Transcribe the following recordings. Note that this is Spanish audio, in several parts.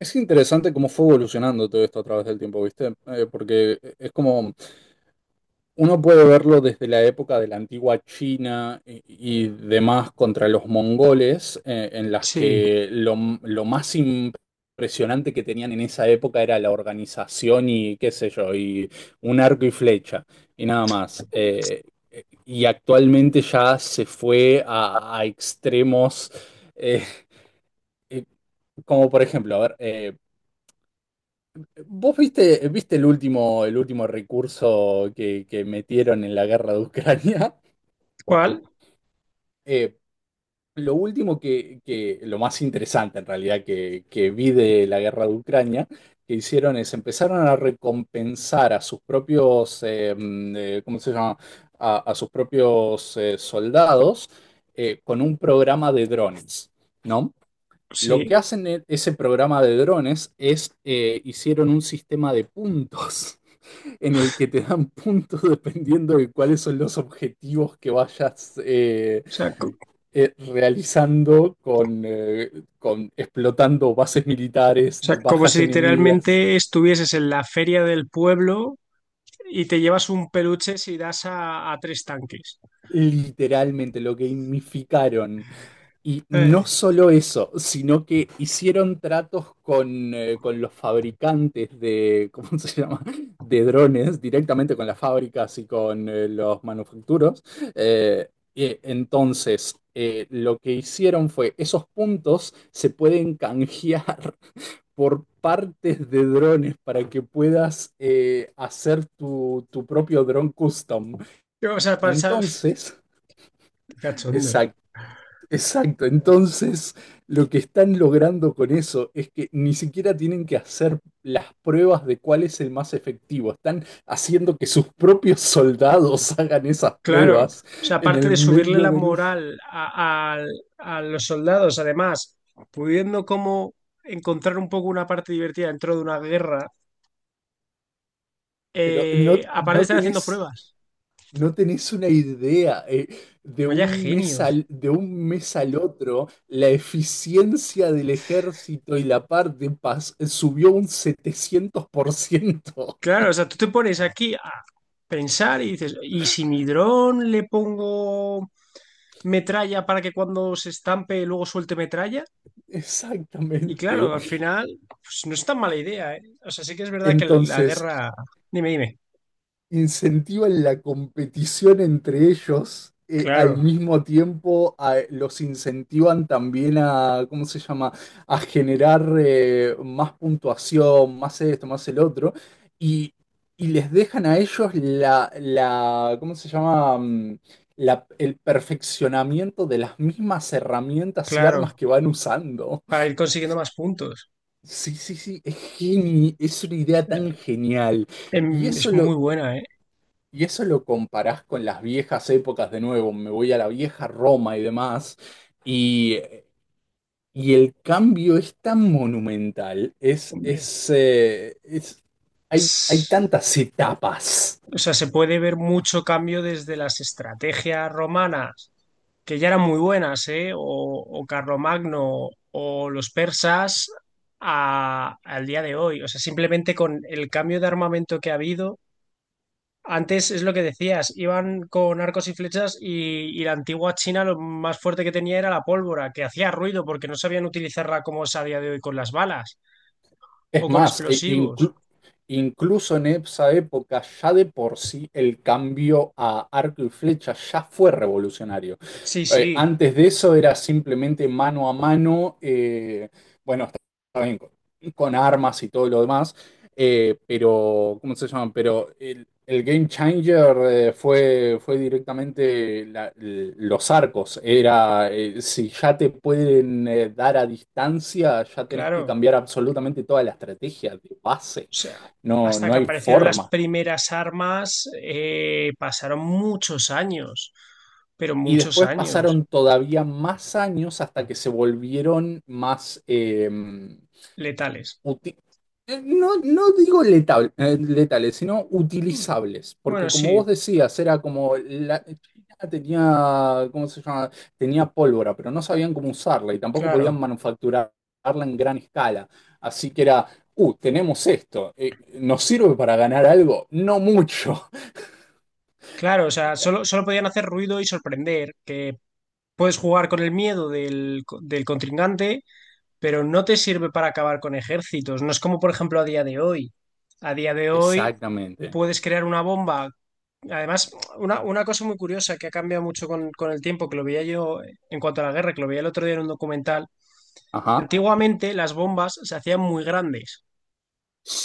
Es interesante cómo fue evolucionando todo esto a través del tiempo, ¿viste? Porque es como uno puede verlo desde la época de la antigua China y demás contra los mongoles, en las Sí, que lo más impresionante que tenían en esa época era la organización y qué sé yo, y un arco y flecha, y nada más. Y actualmente ya se fue a extremos. eh, eh, Como por ejemplo, a ver, ¿vos viste el último recurso que metieron en la guerra de Ucrania? ¿cuál? Eh, lo último lo más interesante en realidad que vi de la guerra de Ucrania, que hicieron es empezaron a recompensar a sus propios, ¿cómo se llama? A sus propios soldados con un programa de drones, ¿no? Lo que Sí, hacen en ese programa de drones es, hicieron un sistema de puntos. En el que te dan puntos dependiendo de cuáles son los objetivos que vayas o sea, co- o realizando con explotando bases militares, sea, como bajas si enemigas. literalmente estuvieses en la feria del pueblo y te llevas un peluche si das a tres tanques. Literalmente lo gamificaron. Y Eh, no solo eso, sino que hicieron tratos con los fabricantes de, ¿cómo se llama? De drones, directamente con las fábricas y con los manufacturos. Y entonces, lo que hicieron fue, esos puntos se pueden canjear por partes de drones para que puedas hacer tu propio drone custom. o sea, Entonces. qué cachondos. Exacto, entonces lo que están logrando con eso es que ni siquiera tienen que hacer las pruebas de cuál es el más efectivo, están haciendo que sus propios soldados hagan esas Claro, o pruebas sea, en aparte el de subirle medio la del. moral a los soldados, además, pudiendo como encontrar un poco una parte divertida dentro de una guerra, Pero no, aparte no están haciendo tenés, pruebas. no tenés una idea de Vaya un mes al, genios. de un mes al otro, la eficiencia del ejército y la par de paz subió un 700%. Claro, o sea, tú te pones aquí a pensar y dices, ¿y si mi dron le pongo metralla para que cuando se estampe luego suelte metralla? Y Exactamente. claro, al final, pues no es tan mala idea, ¿eh? O sea, sí que es verdad que la Entonces, guerra... Dime, dime. incentivan la competición entre ellos, al Claro, mismo tiempo los incentivan también a, ¿cómo se llama?, a generar más puntuación, más esto, más el otro, y, y les dejan a ellos la, ¿cómo se llama?, el perfeccionamiento de las mismas herramientas y armas claro, que van usando. para ir consiguiendo Es- más puntos. Sí, sí, sí, es una O idea sea, tan genial. Y eso es muy lo, buena, ¿eh? Y eso lo comparás con las viejas épocas de nuevo, me voy a la vieja Roma y demás, y, y el cambio es tan monumental, es, Hombre. es, eh, es- hay, hay tantas etapas. O sea, se puede ver mucho cambio desde las estrategias romanas, que ya eran muy buenas, ¿eh? O Carlomagno o los persas al día de hoy. O sea, simplemente con el cambio de armamento que ha habido. Antes es lo que decías, iban con arcos y flechas y la antigua China lo más fuerte que tenía era la pólvora, que hacía ruido porque no sabían utilizarla como es a día de hoy con las balas Es o con más, explosivos. Incluso en esa época ya de por sí el cambio a arco y flecha ya fue revolucionario. Sí, sí, Antes de eso era simplemente mano a mano, bueno, está bien, con armas y todo lo demás. Pero, ¿cómo se llaman? Pero el game changer fue directamente los arcos. Era, si ya te pueden dar a distancia, ya tenés que claro. cambiar absolutamente toda la estrategia de base. O sea, No, hasta no que hay aparecieron las forma. primeras armas, pasaron muchos años, pero Y muchos después años pasaron todavía más años hasta que se volvieron más, letales. uti- no, no digo letales, sino utilizables, Bueno, porque como vos sí, decías, era como la China tenía, ¿cómo se llama? Tenía pólvora, pero no sabían cómo usarla y tampoco podían claro, manufacturarla en gran escala. Así que era, tenemos esto, ¿nos sirve para ganar algo? No mucho. claro, o sea, solo podían hacer ruido y sorprender, que puedes jugar con el miedo del contrincante, pero no te sirve para acabar con ejércitos. No es como, por ejemplo, a día de hoy. A día de hoy Exactamente. puedes crear una bomba. Además, una cosa muy curiosa que ha cambiado mucho con el tiempo, que lo veía yo en cuanto a la guerra, que lo veía el otro día en un documental, Ajá. antiguamente las bombas se hacían muy grandes.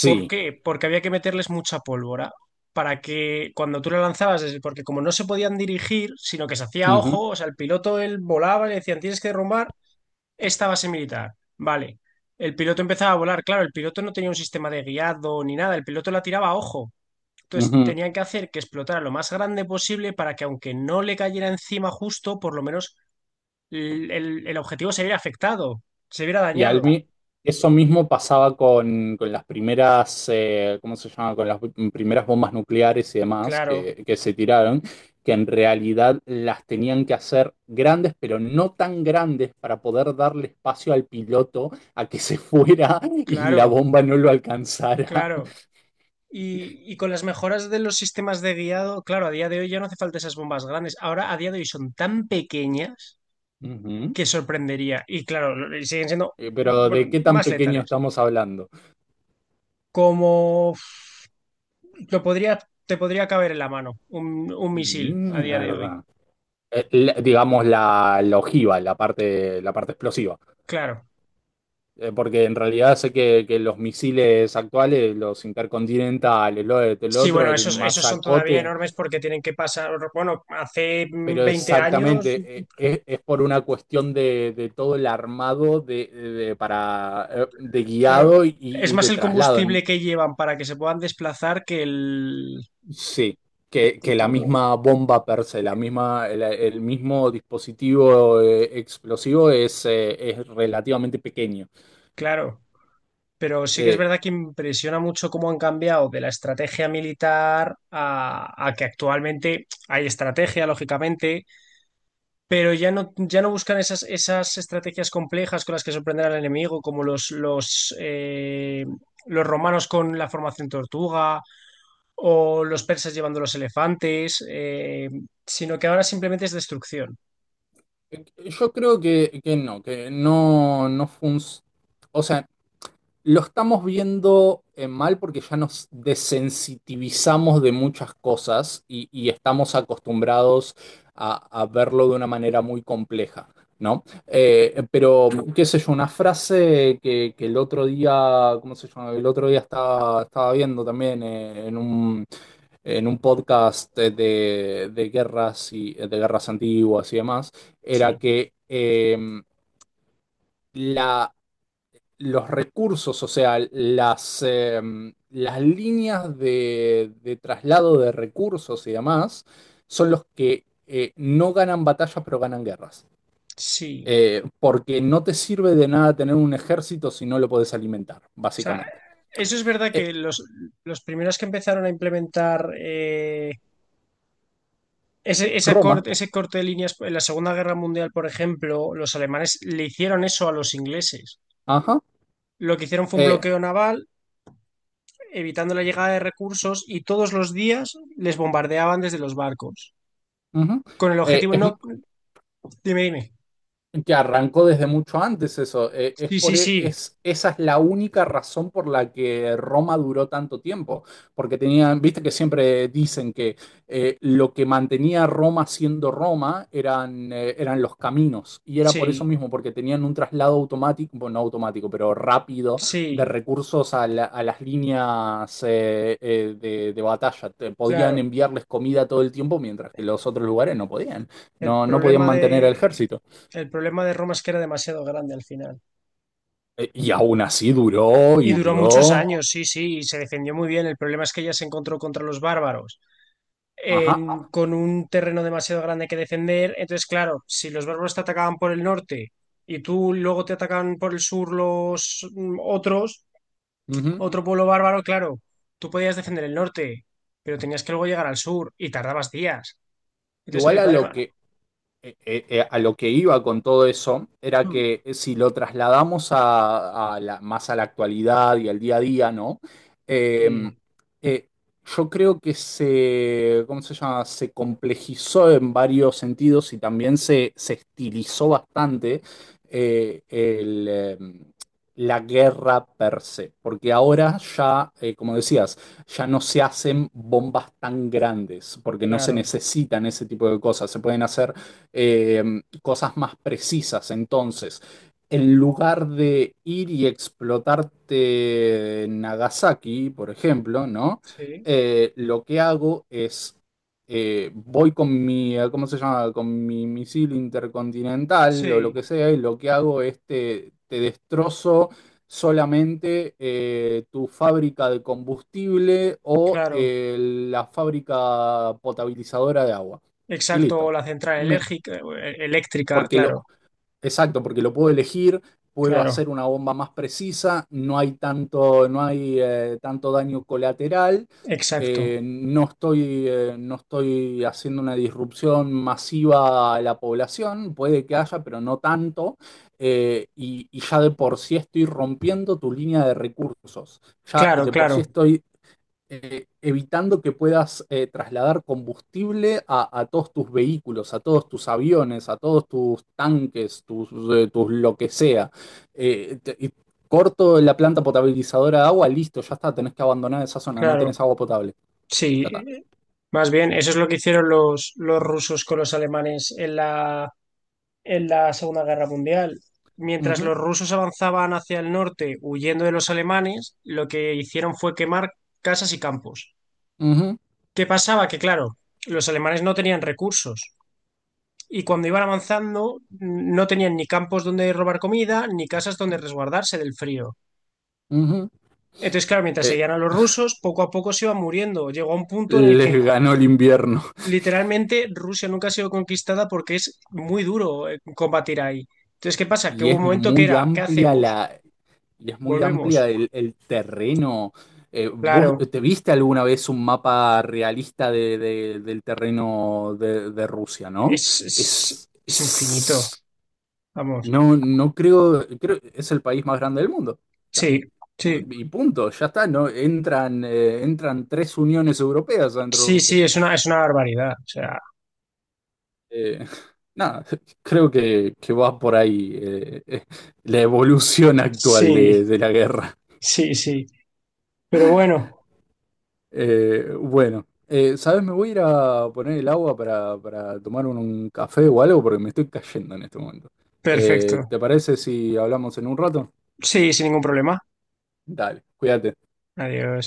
¿Por qué? Porque había que meterles mucha pólvora para que cuando tú la lanzabas, porque como no se podían dirigir, sino que se hacía a Ujú, ojo, o sea, el piloto él volaba y le decían, tienes que derrumbar esta base militar. Vale. El piloto empezaba a volar, claro, el piloto no tenía un sistema de guiado ni nada, el piloto la tiraba a ojo. Entonces, ujú. tenían que hacer que explotara lo más grande posible para que aunque no le cayera encima justo, por lo menos el objetivo se viera afectado, se viera Y dañado. al mi- Eso mismo pasaba con las primeras, ¿cómo se llama? Con las primeras bombas nucleares y demás Claro, que se tiraron, que en realidad las tenían que hacer grandes, pero no tan grandes para poder darle espacio al piloto a que se fuera y la claro, bomba no lo alcanzara. claro. Y con las mejoras de los sistemas de guiado, claro, a día de hoy ya no hace falta esas bombas grandes. Ahora, a día de hoy, son tan pequeñas Ujú. que sorprendería. Y claro, y siguen siendo, Pero, bueno, ¿de qué tan más pequeño letales. estamos hablando? Como lo podría, te podría caber en la mano un misil a día de hoy. Mierda. Digamos la ojiva, la parte explosiva. Claro. Porque en realidad sé que los misiles actuales, los intercontinentales, el Sí, otro, bueno, el esos son todavía masacote, enormes porque tienen que pasar, bueno, hace pero 20 años, exactamente, es por una cuestión de todo el armado para, de claro, guiado y, es y más de el traslado. Combustible que llevan para que se puedan desplazar que el... Sí, que, Que que la todo, misma bomba per se, el mismo dispositivo explosivo es relativamente pequeño. claro, pero sí que es Eh, verdad que impresiona mucho cómo han cambiado de la estrategia militar a que actualmente hay estrategia, lógicamente, pero ya no buscan esas estrategias complejas con las que sorprender al enemigo, como los romanos con la formación tortuga o los persas llevando los elefantes, sino que ahora simplemente es destrucción. yo creo que no funciona. O sea, lo estamos viendo mal porque ya nos desensitivizamos de muchas cosas y estamos acostumbrados a, a verlo de una manera muy compleja, ¿no? Pero, qué sé yo, una frase que el otro día, ¿cómo se llama? El otro día estaba viendo también en un podcast guerras y de guerras antiguas y demás, era Sí, que la los recursos, o sea, las líneas de traslado de recursos y demás, son los que no ganan batallas, pero ganan guerras. sí. Porque no te sirve de nada tener un ejército si no lo podés alimentar, O sea, básicamente. eso es verdad Eh, que los primeros que empezaron a implementar ese, esa Roma, cort- ese corte de líneas en la Segunda Guerra Mundial, por ejemplo, los alemanes le hicieron eso a los ingleses. ajá, Lo que hicieron fue un eh, bloqueo naval, evitando la llegada de recursos y todos los días les bombardeaban desde los barcos. ujú. Con el Eh, objetivo, es, no, dime, dime. Que arrancó desde mucho antes eso. Es Sí, sí, por, e- sí, es, Esa es la única razón por la que Roma duró tanto tiempo. Porque tenían, viste que siempre dicen que lo que mantenía a Roma siendo Roma eran los caminos. Y era por eso sí, mismo, porque tenían un traslado automático, bueno, no automático, pero rápido de sí, recursos a las líneas de batalla. Podían claro. enviarles comida todo el tiempo, mientras que los otros lugares no podían. El No, no podían problema mantener el de, ejército. el problema de Roma es que era demasiado grande al final. Y aún así duró Y y duró muchos duró. años, sí, sí, y se defendió muy bien. El problema es que ella se encontró contra los bárbaros Ajá. con un terreno demasiado grande que defender. Entonces, claro, si los bárbaros te atacaban por el norte y tú luego te atacan por el sur los Ujú. otro pueblo bárbaro, claro, tú podías defender el norte, pero tenías que luego llegar al sur y tardabas días. Entonces, el Igual Bueno, problema... a lo que iba con todo eso era que si lo trasladamos más a la actualidad y al día a día, ¿no? Eh, Sí, eh, yo creo que se, ¿cómo se llama? Se complejizó en varios sentidos y también se estilizó bastante eh, el, eh, la guerra per se, porque ahora ya, como decías, ya no se hacen bombas tan grandes, porque no se claro, necesitan ese tipo de cosas, se pueden hacer eh, cosas más precisas. Entonces, en lugar de ir y explotarte Nagasaki, por ejemplo, ¿no? sí, Lo que hago es, voy con mi, ¿cómo se llama? Con mi misil intercontinental o lo sí, que sea, y lo que hago es te destrozo solamente tu fábrica de combustible o claro. La fábrica potabilizadora de agua. Y Exacto, listo. la central Me, eléctrica, porque lo, claro, exacto, porque lo puedo elegir, puedo claro, hacer una bomba más precisa, no hay tanto daño colateral, exacto. no estoy haciendo una disrupción masiva a la población, puede que haya, pero no tanto, y ya de por sí estoy rompiendo tu línea de recursos, ya Claro, de por sí claro, estoy evitando que puedas trasladar combustible a todos tus vehículos, a todos tus aviones, a todos tus tanques, tus lo que sea. Y corto la planta potabilizadora de agua, listo, ya está, tenés que abandonar esa zona, no tenés claro. agua potable. Ya Sí, está. más bien, eso es lo que hicieron los rusos con los alemanes en la Segunda Guerra Mundial. Mientras Ujú, los rusos avanzaban hacia el norte huyendo de los alemanes, lo que hicieron fue quemar casas y campos. ujú, ¿Qué pasaba? Que claro, los alemanes no tenían recursos y cuando iban avanzando no tenían ni campos donde robar comida, ni casas donde resguardarse del frío. ujú. Entonces, claro, mientras Eh, seguían a los rusos, poco a poco se iban muriendo. Llegó a un punto en el que Les ganó el invierno. literalmente Rusia nunca ha sido conquistada porque es muy duro combatir ahí. Entonces, ¿qué pasa? Que Y hubo un es momento que muy era, ¿qué amplia hacemos? la, Y es muy Volvemos. amplia el terreno. ¿Vos Claro, te viste alguna vez un mapa realista del terreno de Rusia, no? es, es, Es, es infinito. es- Vamos. no, no creo, es el país más grande del mundo. O sea, Sí, sí, y punto, ya está, ¿no? Entran tres uniones europeas dentro de sí, Rusia. sí, es una barbaridad. O sea, Eh, nada, creo que va por ahí la evolución actual sí, de la guerra. sí, sí. Pero bueno, Bueno, ¿sabes? Me voy a ir a poner el agua para tomar un café o algo porque me estoy cayendo en este momento. Perfecto. ¿Te parece si hablamos en un rato? Sí, sin ningún problema. Dale, cuídate. Adiós.